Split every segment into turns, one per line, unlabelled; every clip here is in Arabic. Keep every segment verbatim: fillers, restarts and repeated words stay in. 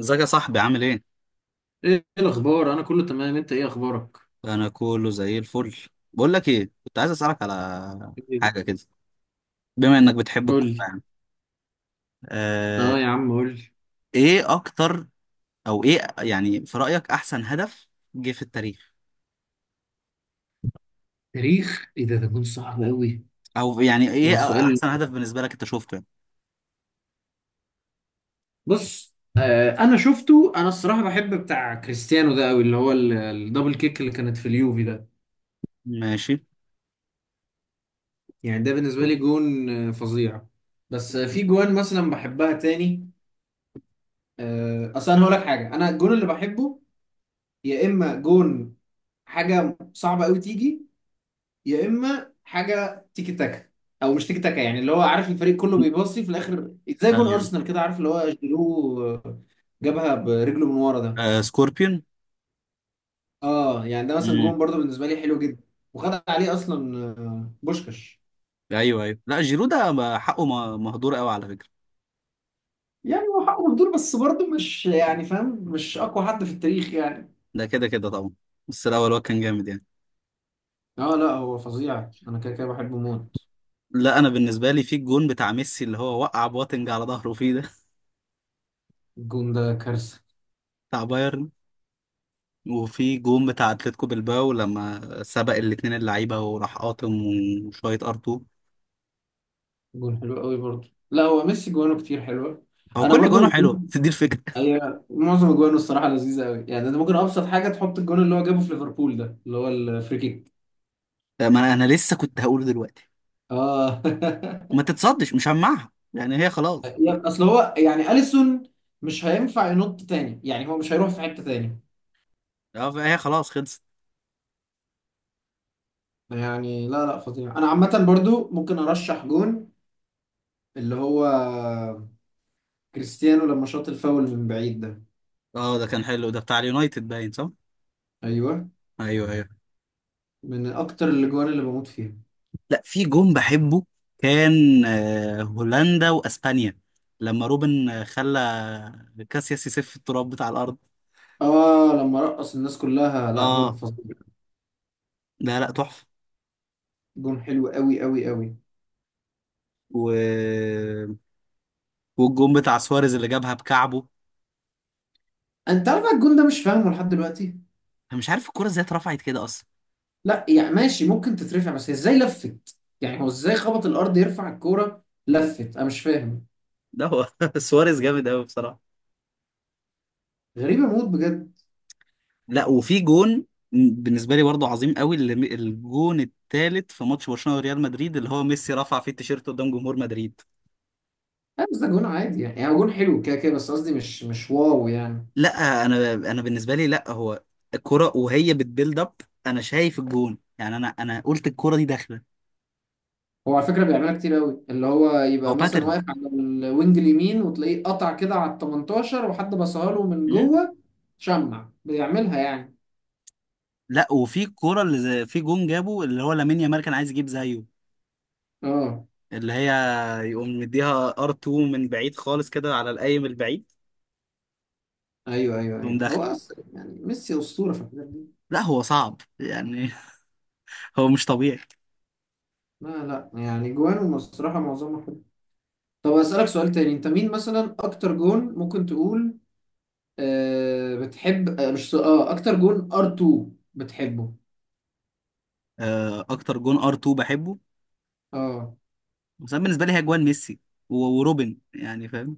ازيك يا صاحبي عامل ايه؟
ايه الاخبار؟ انا كله تمام، انت ايه اخبارك؟
انا كله زي الفل. بقول لك ايه، كنت عايز اسالك على
إيه؟
حاجه كده، بما انك بتحب
قول
الكوره
لي.
يعني. آه.
اه يا عم، قول لي.
ايه اكتر، او ايه يعني في رايك احسن هدف جه في التاريخ؟
تاريخ ايه ده؟ ده كان صعب قوي.
او يعني
ده
ايه
سؤال.
احسن هدف بالنسبه لك انت شفته يعني؟
بص، آه انا شفته، انا الصراحه بحب بتاع كريستيانو ده قوي، اللي هو ال- الدبل كيك اللي كانت في اليوفي ده.
ماشي.
يعني ده بالنسبه لي جون آه، فظيع. بس آه، في جوان مثلا بحبها تاني. آه، اصل انا هقول لك حاجه، انا الجون اللي بحبه، يا اما جون حاجه صعبه قوي تيجي، يا اما حاجه تيكي تاكا. او مش تيكي تاكا يعني، اللي هو عارف الفريق كله بيباصي في الاخر، زي جون
ايوه.
ارسنال كده، عارف اللي هو جيرو، جابها برجله من ورا ده.
آه، سكوربيون.
اه يعني ده مثلا
مم.
جون برضه بالنسبه لي حلو جدا، وخد عليه اصلا آه، بوشكاش.
ايوه ايوه، لا جيرو ده ما- حقه ما- مهدور قوي على فكره.
يعني هو حقه مهدور، بس برضه مش، يعني، فاهم، مش اقوى حد في التاريخ يعني.
ده كده كده طبعا، بس الاول هو كان جامد يعني.
اه لا، هو فظيع، انا كده كده بحبه موت.
لا، انا بالنسبه لي في الجون بتاع ميسي اللي هو وقع بواتنج على ظهره فيه ده.
الجون ده كارثه.
بتاع بايرن. وفي جون بتاع اتلتيكو بالباو لما سبق الاتنين اللعيبه وراح قاطم، وشويه ار2.
جون حلو قوي برضه، لا هو ميسي جوانه كتير حلوه.
هو
انا
كل جونه
برضو،
حلو، بس دي الفكره.
ايوه، معظم اجوانه الصراحه لذيذه قوي، يعني ده ممكن ابسط حاجه، تحط الجون اللي هو جابه في ليفربول ده اللي هو الفري كيك.
ما انا انا لسه كنت هقوله دلوقتي،
اه.
ما تتصدش مش هجمعها يعني، هي خلاص.
يا- اصل هو يعني اليسون، مش هينفع ينط تاني يعني، هو مش هيروح في حته تاني.
اه هي خلاص خلصت.
يعني لا، لا، فظيع. انا عامه برضو ممكن ارشح جون، اللي هو كريستيانو لما شاط الفاول من بعيد ده.
اه، ده كان حلو، ده بتاع اليونايتد باين، صح.
ايوه،
ايوه ايوه.
من اكتر الاجوان اللي بموت فيها.
لا، في جون بحبه كان آه، هولندا واسبانيا لما روبن آه، خلى كاسياس يسف التراب بتاع الارض.
اه لما رقص الناس كلها، لا جون
اه،
فظيع.
لا لا، تحفه.
جون حلو قوي قوي قوي.
و والجون بتاع سواريز اللي جابها بكعبه.
انت عارف الجون ده؟ مش فاهمه لحد دلوقتي.
انا مش عارف الكرة ازاي اترفعت كده اصلا.
لا يعني ماشي ممكن تترفع، بس هي ازاي لفت؟ يعني هو ازاي خبط الارض يرفع الكوره لفت، انا مش فاهم.
ده هو سواريز جامد قوي بصراحة.
غريبه موت بجد.
لا وفي جون بالنسبة لي برضه عظيم قوي، اللي الجون الثالث في ماتش برشلونة وريال مدريد، اللي هو ميسي رفع فيه التيشيرت قدام جمهور مدريد.
لا بس ده جون عادي، يعني يعني هو جون حلو كده كده، بس قصدي مش مش واو يعني.
لا انا انا بالنسبة لي، لا هو الكرة وهي بتبيلد اب، انا شايف الجون، يعني انا انا قلت الكرة دي داخلة.
هو على فكره بيعملها كتير قوي، اللي هو
هو
يبقى مثلا
باترن.
واقف على الوينج اليمين، وتلاقيه قطع كده على ال تمنتاشر، وحد بصها له من
مم.
جوه، شمع بيعملها يعني.
لا وفي الكرة اللي زي- في جون جابه اللي هو لامين يامال كان عايز يجيب زيه،
اه،
اللي هي يقوم مديها ار2 من بعيد خالص كده على القايم البعيد،
ايوه، ايوه،
تقوم
ايوه،
داخل.
هو اصلا يعني ميسي اسطوره في الحاجات دي.
لا هو صعب يعني. هو مش طبيعي.
لا، لا، يعني جوانه الصراحه معظمها. طب أسألك سؤال تاني، انت مين مثلا اكتر جون ممكن تقول آه بتحب، آه مش سؤال- اه اكتر جون ار2 بتحبه؟
آه، اكتر جون ار2 بحبه
اه.
مثلا بالنسبه لي هي جوان ميسي و- وروبن يعني، فاهم؟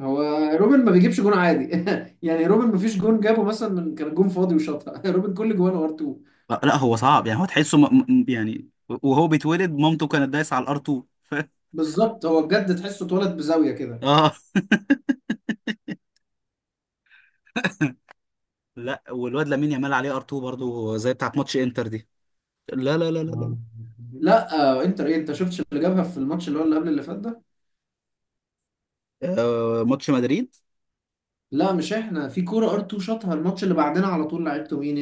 هو روبن ما بيجيبش جون عادي، يعني روبن ما فيش جون جابه مثلا من كان جون فاضي وشاطها، روبن كل جوانه ار2.
لا لا، هو صعب يعني، هو تحسه م... م- يعني وهو بيتولد مامته كانت دايسه على الار2.
بالظبط، هو بجد تحسه اتولد بزاوية كده.
اه، لا والواد لامين يامال عليه ار2 برضو زي بتاعت ماتش انتر دي. لا لا لا لا لا.
آه. لا، آه انتر ايه؟ انت شفتش اللي جابها في الماتش اللي هو اللي قبل اللي فات ده؟
آه، ماتش مدريد.
لا، مش احنا في كورة ار2 شاطها الماتش اللي بعدنا على طول؟ لعبته مين؟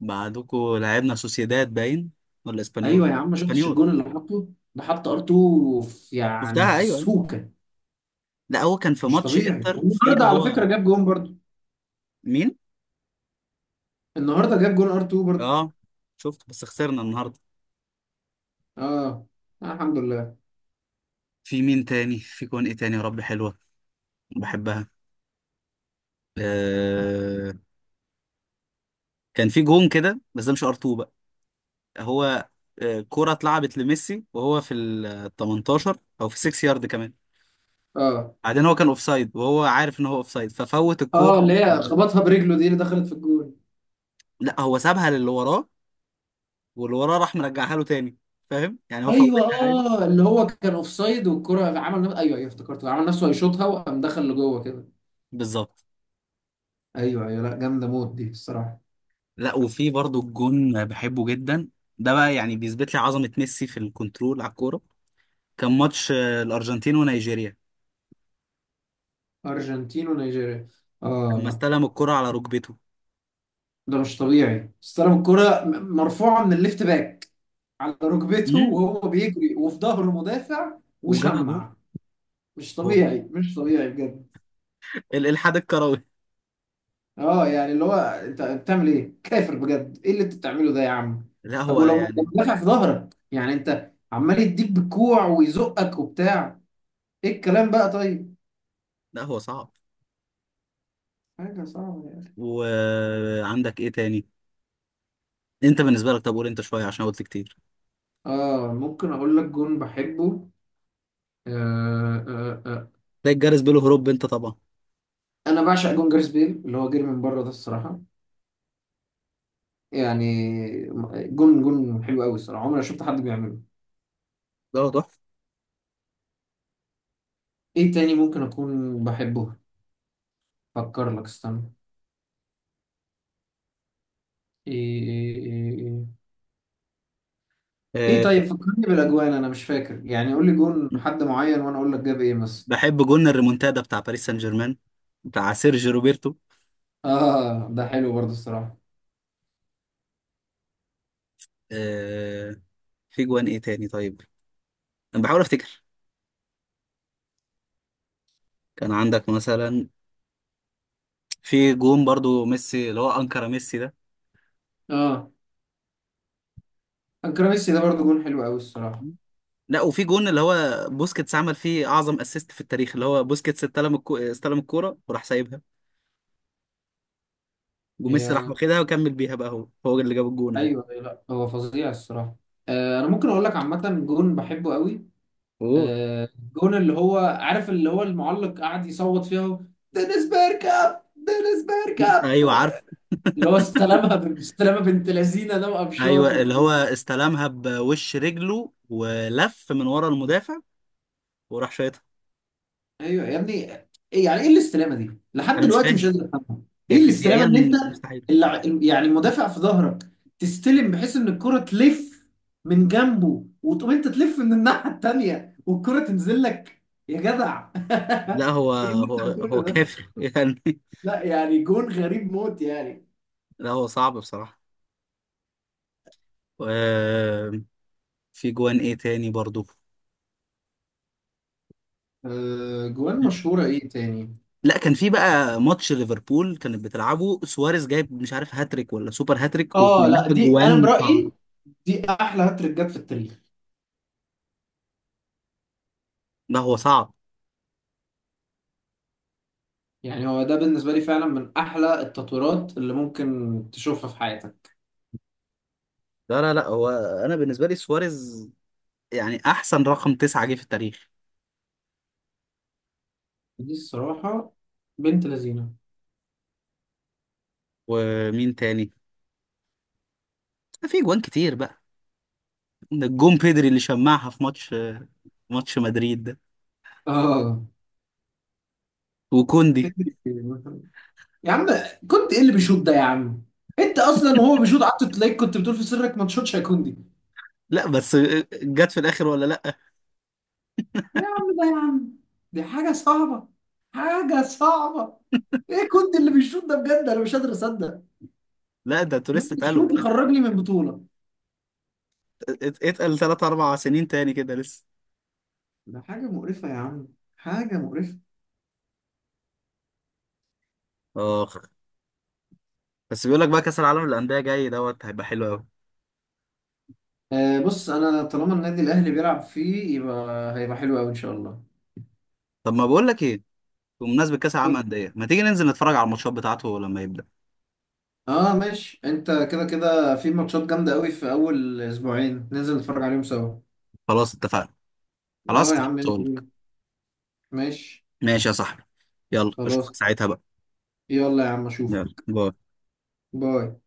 بعدكوا لعبنا سوسيداد باين ولا اسبانيول.
ايوه يا عم، ما شفتش
اسبانيول.
الجون اللي حطه؟ ده حط ار2 في، يعني،
شفتها
في
ايوه.
السوكه.
لا هو كان في
مش
ماتش
طبيعي!
انتر، في
والنهارده
اللي
على
هو،
فكره جاب جون برضو،
مين؟
النهارده جاب جون ار2 برضو.
اه، شفت بس خسرنا النهارده.
اه، آه، الحمد لله.
في مين تاني، في جون ايه تاني يا رب حلوه بحبها؟ آه... كان في جون كده بس ده مش ار اتنين بقى، هو آه... كرة اتلعبت لميسي وهو في ال تمنتاشر او في ستة يارد كمان.
اه،
بعدين هو كان اوفسايد وهو عارف ان هو اوفسايد، ففوت الكورة.
اه اللي هي خبطها برجله دي اللي دخلت في الجون.
لا هو سابها للي وراه، واللي وراه راح مرجعها له تاني، فاهم، يعني هو فوتها
ايوه،
عادي.
اه اللي هو كان اوفسايد والكره عمل نفسه، ايوه، ايوه افتكرته، عمل نفسه هيشوطها وقام دخل لجوه كده.
بالظبط.
ايوه، ايوه، لا جامده موت دي الصراحه.
لا وفي برضو الجون بحبه جدا، ده بقى يعني بيثبت لي عظمة ميسي في الكنترول على الكورة. كان ماتش آه، الأرجنتين ونيجيريا
ارجنتين ونيجيريا، اه
لما
لا،
استلم الكرة على ركبته.
ده مش طبيعي، استلم الكره م- مرفوعه من الليفت باك على ركبته
امم.
وهو بيجري وفي ظهره مدافع،
وجابها جول.
وشمع. مش
هو ال-
طبيعي، مش طبيعي بجد.
الإلحاد الكروي.
اه يعني اللي هو انت بتعمل ايه كافر؟ بجد، ايه اللي انت بتعمله ده يا عم؟
لا
طب
هو
ولو
يعني،
مدافع في ظهرك، يعني انت عمال يديك بالكوع ويزقك وبتاع، ايه الكلام بقى؟ طيب،
لا هو صعب.
حاجة صعبة يعني.
وعندك إيه تاني؟ أنت بالنسبة لك، طب قول أنت شوية عشان قلت كتير.
اه، ممكن اقول لك جون بحبه، آه، آه، آه.
تلاقي الجرس بيلو هروب أنت طبعا.
انا بعشق جون جاريث بيل، اللي هو جري من بره ده الصراحة، يعني جون جون حلو قوي الصراحة، عمري ما شفت حد بيعمله.
ده هو تحفة.
ايه تاني ممكن اكون بحبه؟ فكر لك، استنى. ايه ايه ايه ايه ايه ايه
آه،
طيب فكرني بالاجوان انا مش فاكر، يعني قول لي جون حد معين وانا اقول لك جاب ايه مثلا.
بحب جون الريمونتادا بتاع باريس سان جيرمان بتاع سيرجي روبرتو.
اه ده حلو برضه الصراحه.
آه، في جوان إيه تاني طيب؟ أنا بحاول أفتكر، كان عندك مثلا في جون برضو ميسي اللي هو انكر ميسي ده.
اه، انكراميسي ده برضه جون حلو قوي الصراحه.
لا وفي جون اللي هو بوسكيتس عمل فيه اعظم اسيست في التاريخ، اللي هو بوسكيتس استلم الكو... استلم الكوره وراح سايبها، وميسي راح
هي،
واخدها وكمل بيها، بقى هو هو اللي جاب الجون عادي.
ايوه، أيوة، لا هو فظيع الصراحه. آه، انا ممكن اقول لك عامه جون بحبه قوي.
اوه.
آه، جون اللي هو عارف اللي هو المعلق قاعد يصوت فيها، دينيس بيركاب، دينيس بيركاب،
ايوه عارف.
اللي هو استلمها بالاستلامه بنت لذينه ده
ايوه،
وقفشاته.
اللي هو استلمها بوش رجله ولف من ورا المدافع وراح شايطها.
ايوه يا ابني، ايه يعني؟ ايه الاستلامه دي؟ لحد
انا مش
دلوقتي مش
فاهم،
قادر افهمها.
هي
ايه الاستلامه؟
فيزيائيا
ان انت
مستحيل.
اللع... يعني المدافع في ظهرك، تستلم بحيث ان الكره تلف من جنبه، وتقوم انت تلف من الناحيه التانيه والكره تنزل لك. يا جدع،
لا هو
ايه اللي انت
هو هو
بتقوله ده؟
كافر يعني.
لا يعني جون غريب موت يعني.
لا هو صعب بصراحه. آه، في جوان ايه تاني برضو؟
أه، جوان مشهوره ايه تاني؟
لا كان في بقى ماتش ليفربول كانت بتلعبه سواريز جايب مش عارف هاتريك ولا سوبر هاتريك
اه
وكلها
لا، دي انا
جوان صعبة.
برايي دي احلى هاتريك جت في التاريخ.
لا هو صعب.
يعني هو ده بالنسبة لي فعلا من أحلى التطويرات اللي ممكن تشوفها في حياتك،
لا لا لا، هو انا بالنسبة لي سواريز يعني احسن رقم تسعة جه في التاريخ.
دي الصراحة بنت لذينة.
ومين تاني؟ في جوان كتير بقى، ده الجون بيدري اللي شمعها في ماتش ماتش مدريد ده،
آه،
وكوندي.
فكرة إيه مثلا؟ يا عم، كنت إيه اللي بيشوط ده يا عم؟ أنت أصلا وهو بيشوط قعدت تلاقيك كنت بتقول في سرك ما تشوطش، هيكون دي.
لا بس جت في الاخر، ولا لا.
إيه يا عم ده يا عم، دي حاجة صعبة، حاجة صعبة. إيه كنت اللي بيشوط ده بجد؟ أنا مش قادر أصدق،
لا، ده انتوا
يوم
لسه
بيشوط
اتقالوا ات-
يخرجني من بطولة.
ات- اتقل ثلاث اربع سنين تاني كده لسه.
ده حاجة مقرفة يا عم، حاجة مقرفة.
اخ. بس بيقول لك بقى كاس العالم للانديه جاي دوت هيبقى حلو قوي.
آه، بص انا طالما النادي الاهلي بيلعب فيه يبقى هيبقى حلو قوي ان شاء الله.
طب ما بقول لك ايه، بمناسبه كاس العالم للانديه ما تيجي ننزل نتفرج على الماتشات بتاعته لما يبدا.
اه ماشي، انت كده كده في ماتشات جامده قوي في اول اسبوعين، ننزل نتفرج عليهم سوا.
خلاص اتفقنا.
اه يا
خلاص.
عم، يلا
هقول لك.
بينا. ماشي.
ماشي يا صاحبي، يلا اشوفك
خلاص.
ساعتها بقى.
يلا يا عم، اشوف.
يلا باي.
باي.